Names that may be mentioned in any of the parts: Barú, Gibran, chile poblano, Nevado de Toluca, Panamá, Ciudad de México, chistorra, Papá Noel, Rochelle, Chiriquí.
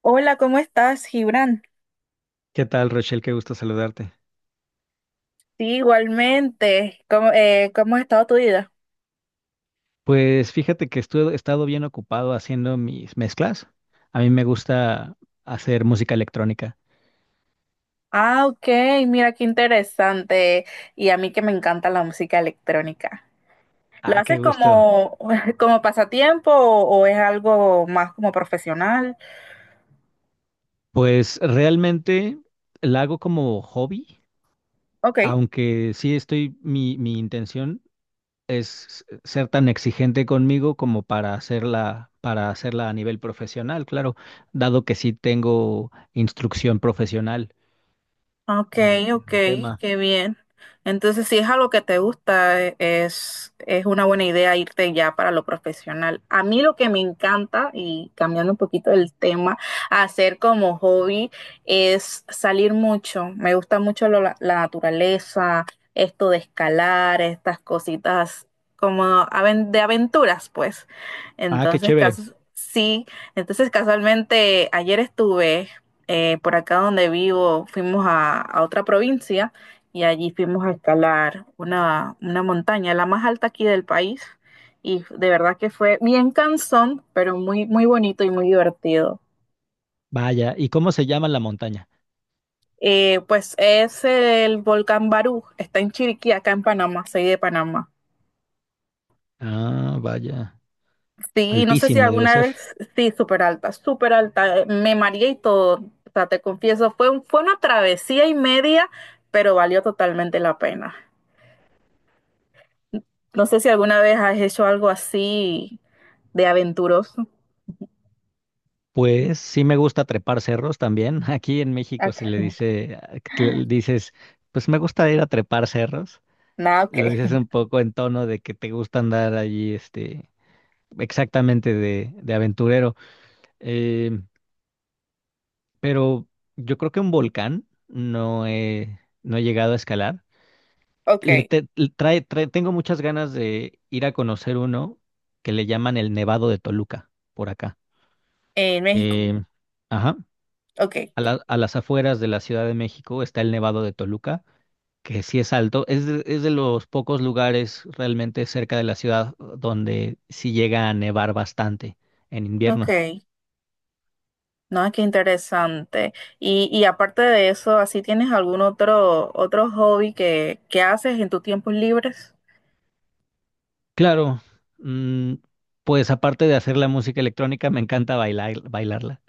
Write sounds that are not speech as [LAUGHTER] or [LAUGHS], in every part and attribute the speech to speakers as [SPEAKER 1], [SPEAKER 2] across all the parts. [SPEAKER 1] Hola, ¿cómo estás, Gibran?
[SPEAKER 2] ¿Qué tal, Rochelle? Qué gusto saludarte.
[SPEAKER 1] Sí, igualmente. ¿Cómo, cómo ha estado tu vida?
[SPEAKER 2] Pues fíjate que he estado bien ocupado haciendo mis mezclas. A mí me gusta hacer música electrónica.
[SPEAKER 1] Ah, ok, mira qué interesante. Y a mí que me encanta la música electrónica. ¿Lo
[SPEAKER 2] Ah, qué
[SPEAKER 1] haces
[SPEAKER 2] gusto.
[SPEAKER 1] como, [LAUGHS] como pasatiempo o es algo más como profesional?
[SPEAKER 2] Pues realmente la hago como hobby,
[SPEAKER 1] Ok.
[SPEAKER 2] aunque sí estoy, mi intención es ser tan exigente conmigo como para hacerla a nivel profesional, claro, dado que sí tengo instrucción profesional
[SPEAKER 1] Ok,
[SPEAKER 2] en
[SPEAKER 1] ok,
[SPEAKER 2] el tema.
[SPEAKER 1] qué bien. Entonces, si es algo que te gusta, es una buena idea irte ya para lo profesional. A mí lo que me encanta, y cambiando un poquito el tema, hacer como hobby es salir mucho. Me gusta mucho la naturaleza, esto de escalar, estas cositas como de aventuras, pues.
[SPEAKER 2] Ah, qué
[SPEAKER 1] Entonces,
[SPEAKER 2] chévere.
[SPEAKER 1] sí. Entonces, casualmente, ayer estuve por acá donde vivo fuimos a otra provincia y allí fuimos a escalar una montaña, la más alta aquí del país. Y de verdad que fue bien cansón, pero muy, muy bonito y muy divertido.
[SPEAKER 2] Vaya, ¿y cómo se llama la montaña?
[SPEAKER 1] Pues es el volcán Barú, está en Chiriquí, acá en Panamá, soy de Panamá.
[SPEAKER 2] Ah, vaya,
[SPEAKER 1] Sí, no sé si
[SPEAKER 2] altísimo debe
[SPEAKER 1] alguna
[SPEAKER 2] ser.
[SPEAKER 1] vez, sí, súper alta, me mareé y todo, o sea, te confieso, fue una travesía y media, pero valió totalmente la pena. No sé si alguna vez has hecho algo así de aventuroso.
[SPEAKER 2] Pues sí me gusta trepar cerros también. [LAUGHS] Aquí en México se le
[SPEAKER 1] Acá.
[SPEAKER 2] dice, ah, que le dices, pues me gusta ir a trepar cerros.
[SPEAKER 1] Nada, ok.
[SPEAKER 2] Lo dices
[SPEAKER 1] [LAUGHS]
[SPEAKER 2] un poco en tono de que te gusta andar allí, este, exactamente de aventurero. Eh, pero yo creo que un volcán no he llegado a escalar. Le
[SPEAKER 1] Ok.
[SPEAKER 2] te- le trae, trae- Tengo muchas ganas de ir a conocer uno que le llaman el Nevado de Toluca por acá.
[SPEAKER 1] En México.
[SPEAKER 2] Eh, ajá,
[SPEAKER 1] Ok.
[SPEAKER 2] a las afueras de la Ciudad de México está el Nevado de Toluca, que sí es alto. Es de los pocos lugares realmente cerca de la ciudad, donde sí llega a nevar bastante en
[SPEAKER 1] Ok.
[SPEAKER 2] invierno.
[SPEAKER 1] No, qué interesante. Y aparte de eso, ¿así tienes algún otro, otro hobby que haces en tus tiempos libres?
[SPEAKER 2] Claro, mm, pues aparte de hacer la música electrónica, me encanta bailar, bailarla,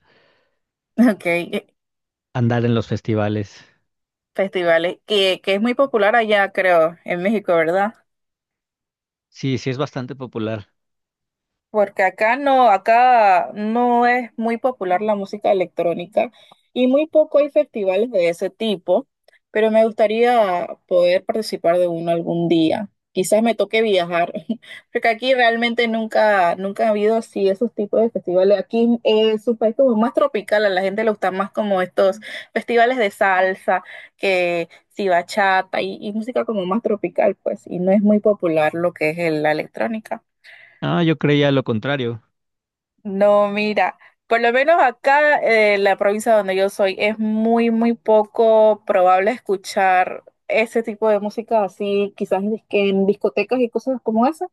[SPEAKER 1] [LAUGHS] Ok.
[SPEAKER 2] andar en los festivales.
[SPEAKER 1] Festivales. Que es muy popular allá, creo, en México, ¿verdad?
[SPEAKER 2] Sí, sí es bastante popular.
[SPEAKER 1] Porque acá no es muy popular la música electrónica y muy poco hay festivales de ese tipo, pero me gustaría poder participar de uno algún día. Quizás me toque viajar, [LAUGHS] porque aquí realmente nunca, nunca ha habido así esos tipos de festivales. Aquí es un país como más tropical, a la gente le gustan más como estos festivales de salsa, que si bachata y música como más tropical, pues, y no es muy popular lo que es la electrónica.
[SPEAKER 2] Ah, yo creía lo contrario.
[SPEAKER 1] No, mira, por lo menos acá, la provincia donde yo soy, es muy, muy poco probable escuchar ese tipo de música así, quizás en que en discotecas y cosas como esa.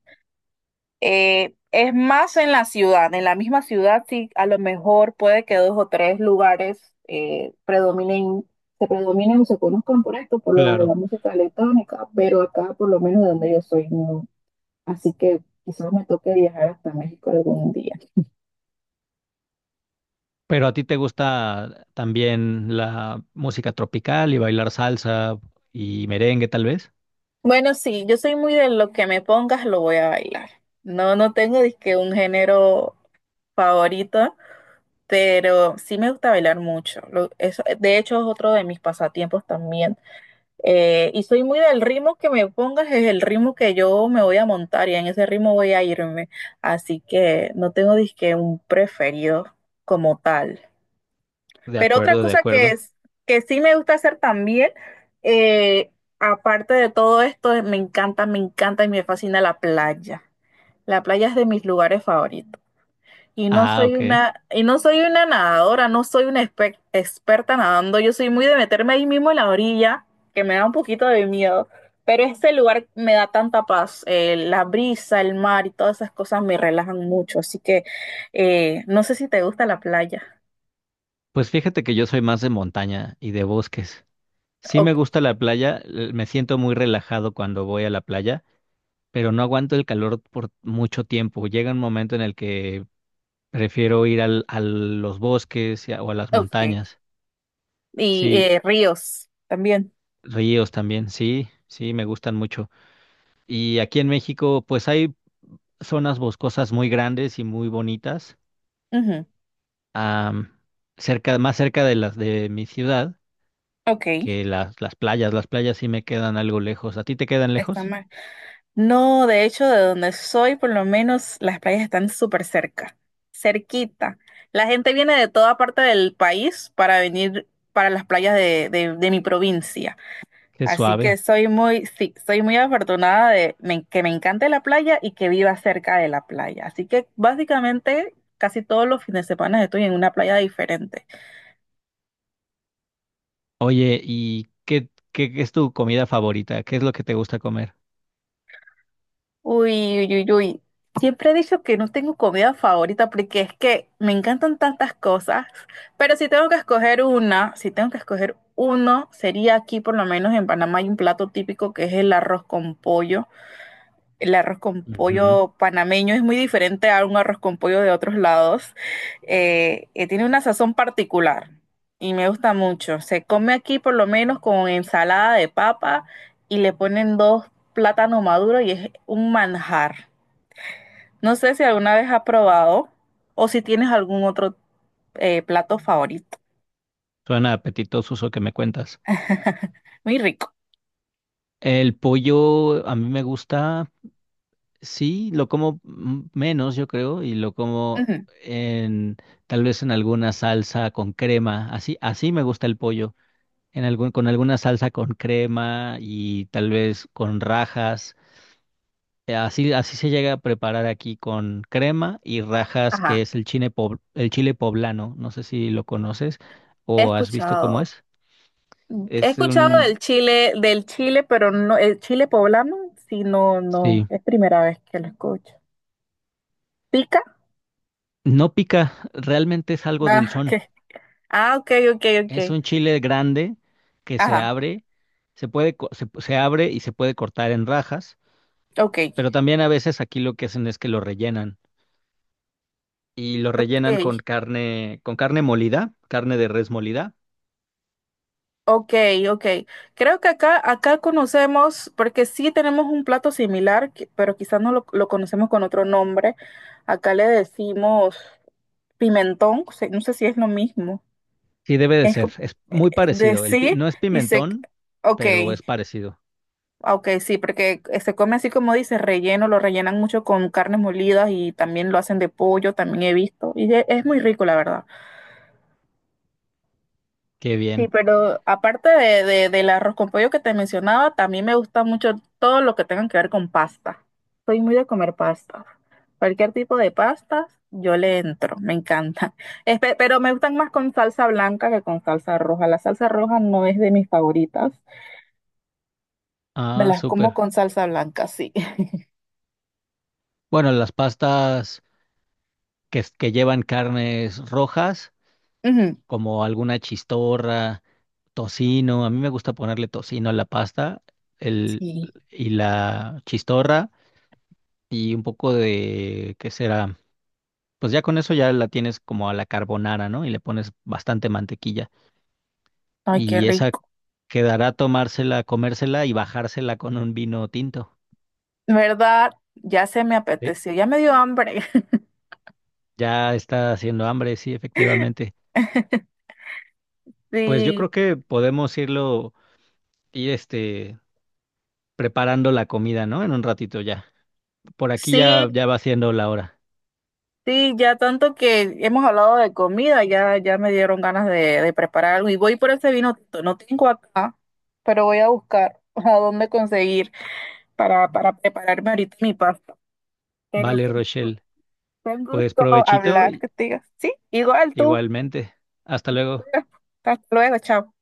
[SPEAKER 1] Es más en la ciudad, en la misma ciudad sí, a lo mejor puede que dos o tres lugares predominen, se predominen o se conozcan por esto, por lo de la
[SPEAKER 2] Claro.
[SPEAKER 1] música electrónica, pero acá, por lo menos de donde yo soy, no. Así que quizás me toque viajar hasta México algún día.
[SPEAKER 2] Pero a ti te gusta también la música tropical y bailar salsa y merengue, tal vez.
[SPEAKER 1] Bueno, sí, yo soy muy de lo que me pongas, lo voy a bailar. No, no tengo disque un género favorito, pero sí me gusta bailar mucho. Eso, de hecho, es otro de mis pasatiempos también. Y soy muy del ritmo que me pongas, es el ritmo que yo me voy a montar y en ese ritmo voy a irme. Así que no tengo disque un preferido como tal.
[SPEAKER 2] De
[SPEAKER 1] Pero otra
[SPEAKER 2] acuerdo, de
[SPEAKER 1] cosa que
[SPEAKER 2] acuerdo.
[SPEAKER 1] es, que sí me gusta hacer también, eh, aparte de todo esto, me encanta y me fascina la playa. La playa es de mis lugares favoritos. Y
[SPEAKER 2] Ah, ok.
[SPEAKER 1] y no soy una nadadora, no soy una experta nadando. Yo soy muy de meterme ahí mismo en la orilla, que me da un poquito de miedo. Pero este lugar me da tanta paz. La brisa, el mar y todas esas cosas me relajan mucho. Así que no sé si te gusta la playa.
[SPEAKER 2] Pues fíjate que yo soy más de montaña y de bosques. Sí me
[SPEAKER 1] Ok.
[SPEAKER 2] gusta la playa, l- me siento muy relajado cuando voy a la playa, pero no aguanto el calor por mucho tiempo. Llega un momento en el que prefiero ir al, a los bosques o a las
[SPEAKER 1] Ok.
[SPEAKER 2] montañas.
[SPEAKER 1] Y
[SPEAKER 2] Sí,
[SPEAKER 1] ríos también.
[SPEAKER 2] ríos también, sí, sí, me gustan mucho. Y aquí en México, pues hay zonas boscosas muy grandes y muy bonitas,
[SPEAKER 1] Ujú.
[SPEAKER 2] am, cerca, más cerca de las de mi ciudad
[SPEAKER 1] Ok,
[SPEAKER 2] que las playas. Las playas sí me quedan algo lejos. ¿A ti te quedan
[SPEAKER 1] está
[SPEAKER 2] lejos?
[SPEAKER 1] mal. No, de hecho, de donde soy, por lo menos las playas están súper cerca, cerquita. La gente viene de toda parte del país para venir para las playas de mi provincia.
[SPEAKER 2] Qué
[SPEAKER 1] Así que
[SPEAKER 2] suave.
[SPEAKER 1] soy muy, sí, soy muy afortunada de que me encante la playa y que viva cerca de la playa. Así que básicamente casi todos los fines de semana estoy en una playa diferente.
[SPEAKER 2] Oye, ¿y qué es tu comida favorita? ¿Qué es lo que te gusta comer?
[SPEAKER 1] Uy, uy, uy, uy. Siempre he dicho que no tengo comida favorita porque es que me encantan tantas cosas, pero si tengo que escoger una, si tengo que escoger uno, sería aquí por lo menos en Panamá hay un plato típico que es el arroz con pollo. El arroz con
[SPEAKER 2] Ujú.
[SPEAKER 1] pollo panameño es muy diferente a un arroz con pollo de otros lados. Tiene una sazón particular y me gusta mucho. Se come aquí por lo menos con ensalada de papa y le ponen dos plátanos maduros y es un manjar. No sé si alguna vez has probado o si tienes algún otro plato favorito.
[SPEAKER 2] Suena apetitoso eso que me cuentas.
[SPEAKER 1] Muy rico.
[SPEAKER 2] El pollo a mí me gusta, sí, lo como menos, yo creo, y lo como
[SPEAKER 1] Ujú.
[SPEAKER 2] en tal vez en alguna salsa con crema. Así, así me gusta el pollo. En algún, con alguna salsa con crema y tal vez con rajas. Así, así se llega a preparar aquí con crema y rajas, que
[SPEAKER 1] Ajá,
[SPEAKER 2] es el chile, el chile poblano. No sé si lo conoces
[SPEAKER 1] he
[SPEAKER 2] o has visto cómo
[SPEAKER 1] escuchado.
[SPEAKER 2] es.
[SPEAKER 1] He
[SPEAKER 2] Es
[SPEAKER 1] escuchado
[SPEAKER 2] un...
[SPEAKER 1] Del Chile, pero no, el chile poblano, sí, no, no,
[SPEAKER 2] Sí.
[SPEAKER 1] es primera vez que lo escucho. ¿Pica?
[SPEAKER 2] No pica, realmente es algo
[SPEAKER 1] Ah, [LAUGHS] ok,
[SPEAKER 2] dulzón.
[SPEAKER 1] ah, ok, ok, ok.
[SPEAKER 2] Es un chile grande que se
[SPEAKER 1] Ajá,
[SPEAKER 2] abre, se puede, se abre y se puede cortar en rajas,
[SPEAKER 1] ok,
[SPEAKER 2] pero también a veces aquí lo que hacen es que lo rellenan. Y lo rellenan
[SPEAKER 1] ok,
[SPEAKER 2] con carne molida, carne de res molida.
[SPEAKER 1] ok, ok. Creo que acá, acá conocemos, porque sí tenemos un plato similar, que- pero quizás no lo, lo conocemos con otro nombre. Acá le decimos pimentón, se- no sé si es lo mismo.
[SPEAKER 2] Sí, debe de
[SPEAKER 1] Es
[SPEAKER 2] ser.
[SPEAKER 1] co-
[SPEAKER 2] Es
[SPEAKER 1] eh,
[SPEAKER 2] muy
[SPEAKER 1] de
[SPEAKER 2] parecido. El,
[SPEAKER 1] sí,
[SPEAKER 2] no es
[SPEAKER 1] dice,
[SPEAKER 2] pimentón,
[SPEAKER 1] ok.
[SPEAKER 2] pero es parecido.
[SPEAKER 1] Ah, ok, sí, porque se come así como dices relleno, lo rellenan mucho con carnes molidas y también lo hacen de pollo, también he visto. Y e- es muy rico, la verdad.
[SPEAKER 2] Qué
[SPEAKER 1] Sí,
[SPEAKER 2] bien.
[SPEAKER 1] pero aparte del arroz con pollo que te mencionaba, también me gusta mucho todo lo que tenga que ver con pasta. Soy muy de comer pasta. Cualquier tipo de pastas, yo le entro, me encanta. [LAUGHS] Espe- pero me gustan más con salsa blanca que con salsa roja. La salsa roja no es de mis favoritas. Me
[SPEAKER 2] Ah,
[SPEAKER 1] las como
[SPEAKER 2] súper.
[SPEAKER 1] con salsa blanca, sí. [LAUGHS]
[SPEAKER 2] Bueno, las pastas que, que llevan carnes rojas,
[SPEAKER 1] Ujú.
[SPEAKER 2] como alguna chistorra, tocino. A mí me gusta ponerle tocino a la pasta el,
[SPEAKER 1] Sí.
[SPEAKER 2] y la chistorra y un poco de, ¿qué será? Pues ya con eso ya la tienes como a la carbonara, ¿no? Y le pones bastante mantequilla.
[SPEAKER 1] Ay, qué
[SPEAKER 2] Y esa
[SPEAKER 1] rico.
[SPEAKER 2] quedará tomársela, comérsela y bajársela con un vino tinto.
[SPEAKER 1] ¿Verdad? Ya se me
[SPEAKER 2] Sí,
[SPEAKER 1] apeteció, ya me dio hambre. [LAUGHS]
[SPEAKER 2] ya está haciendo hambre, sí, efectivamente. Pues yo
[SPEAKER 1] Sí,
[SPEAKER 2] creo que podemos irlo, ir este, preparando la comida, ¿no? En un ratito ya. Por aquí
[SPEAKER 1] sí,
[SPEAKER 2] ya, ya va siendo la hora.
[SPEAKER 1] sí, ya tanto que hemos hablado de comida, ya, ya me dieron ganas de preparar algo. Y voy por ese vino tinto, no tengo acá, pero voy a buscar [LAUGHS] a dónde conseguir para prepararme ahorita mi pasta. Pero
[SPEAKER 2] Vale,
[SPEAKER 1] sí,
[SPEAKER 2] Rochelle.
[SPEAKER 1] fue un
[SPEAKER 2] Pues
[SPEAKER 1] gusto
[SPEAKER 2] provechito,
[SPEAKER 1] hablar contigo. Sí, igual tú.
[SPEAKER 2] igualmente. Hasta luego.
[SPEAKER 1] Hasta luego, chao.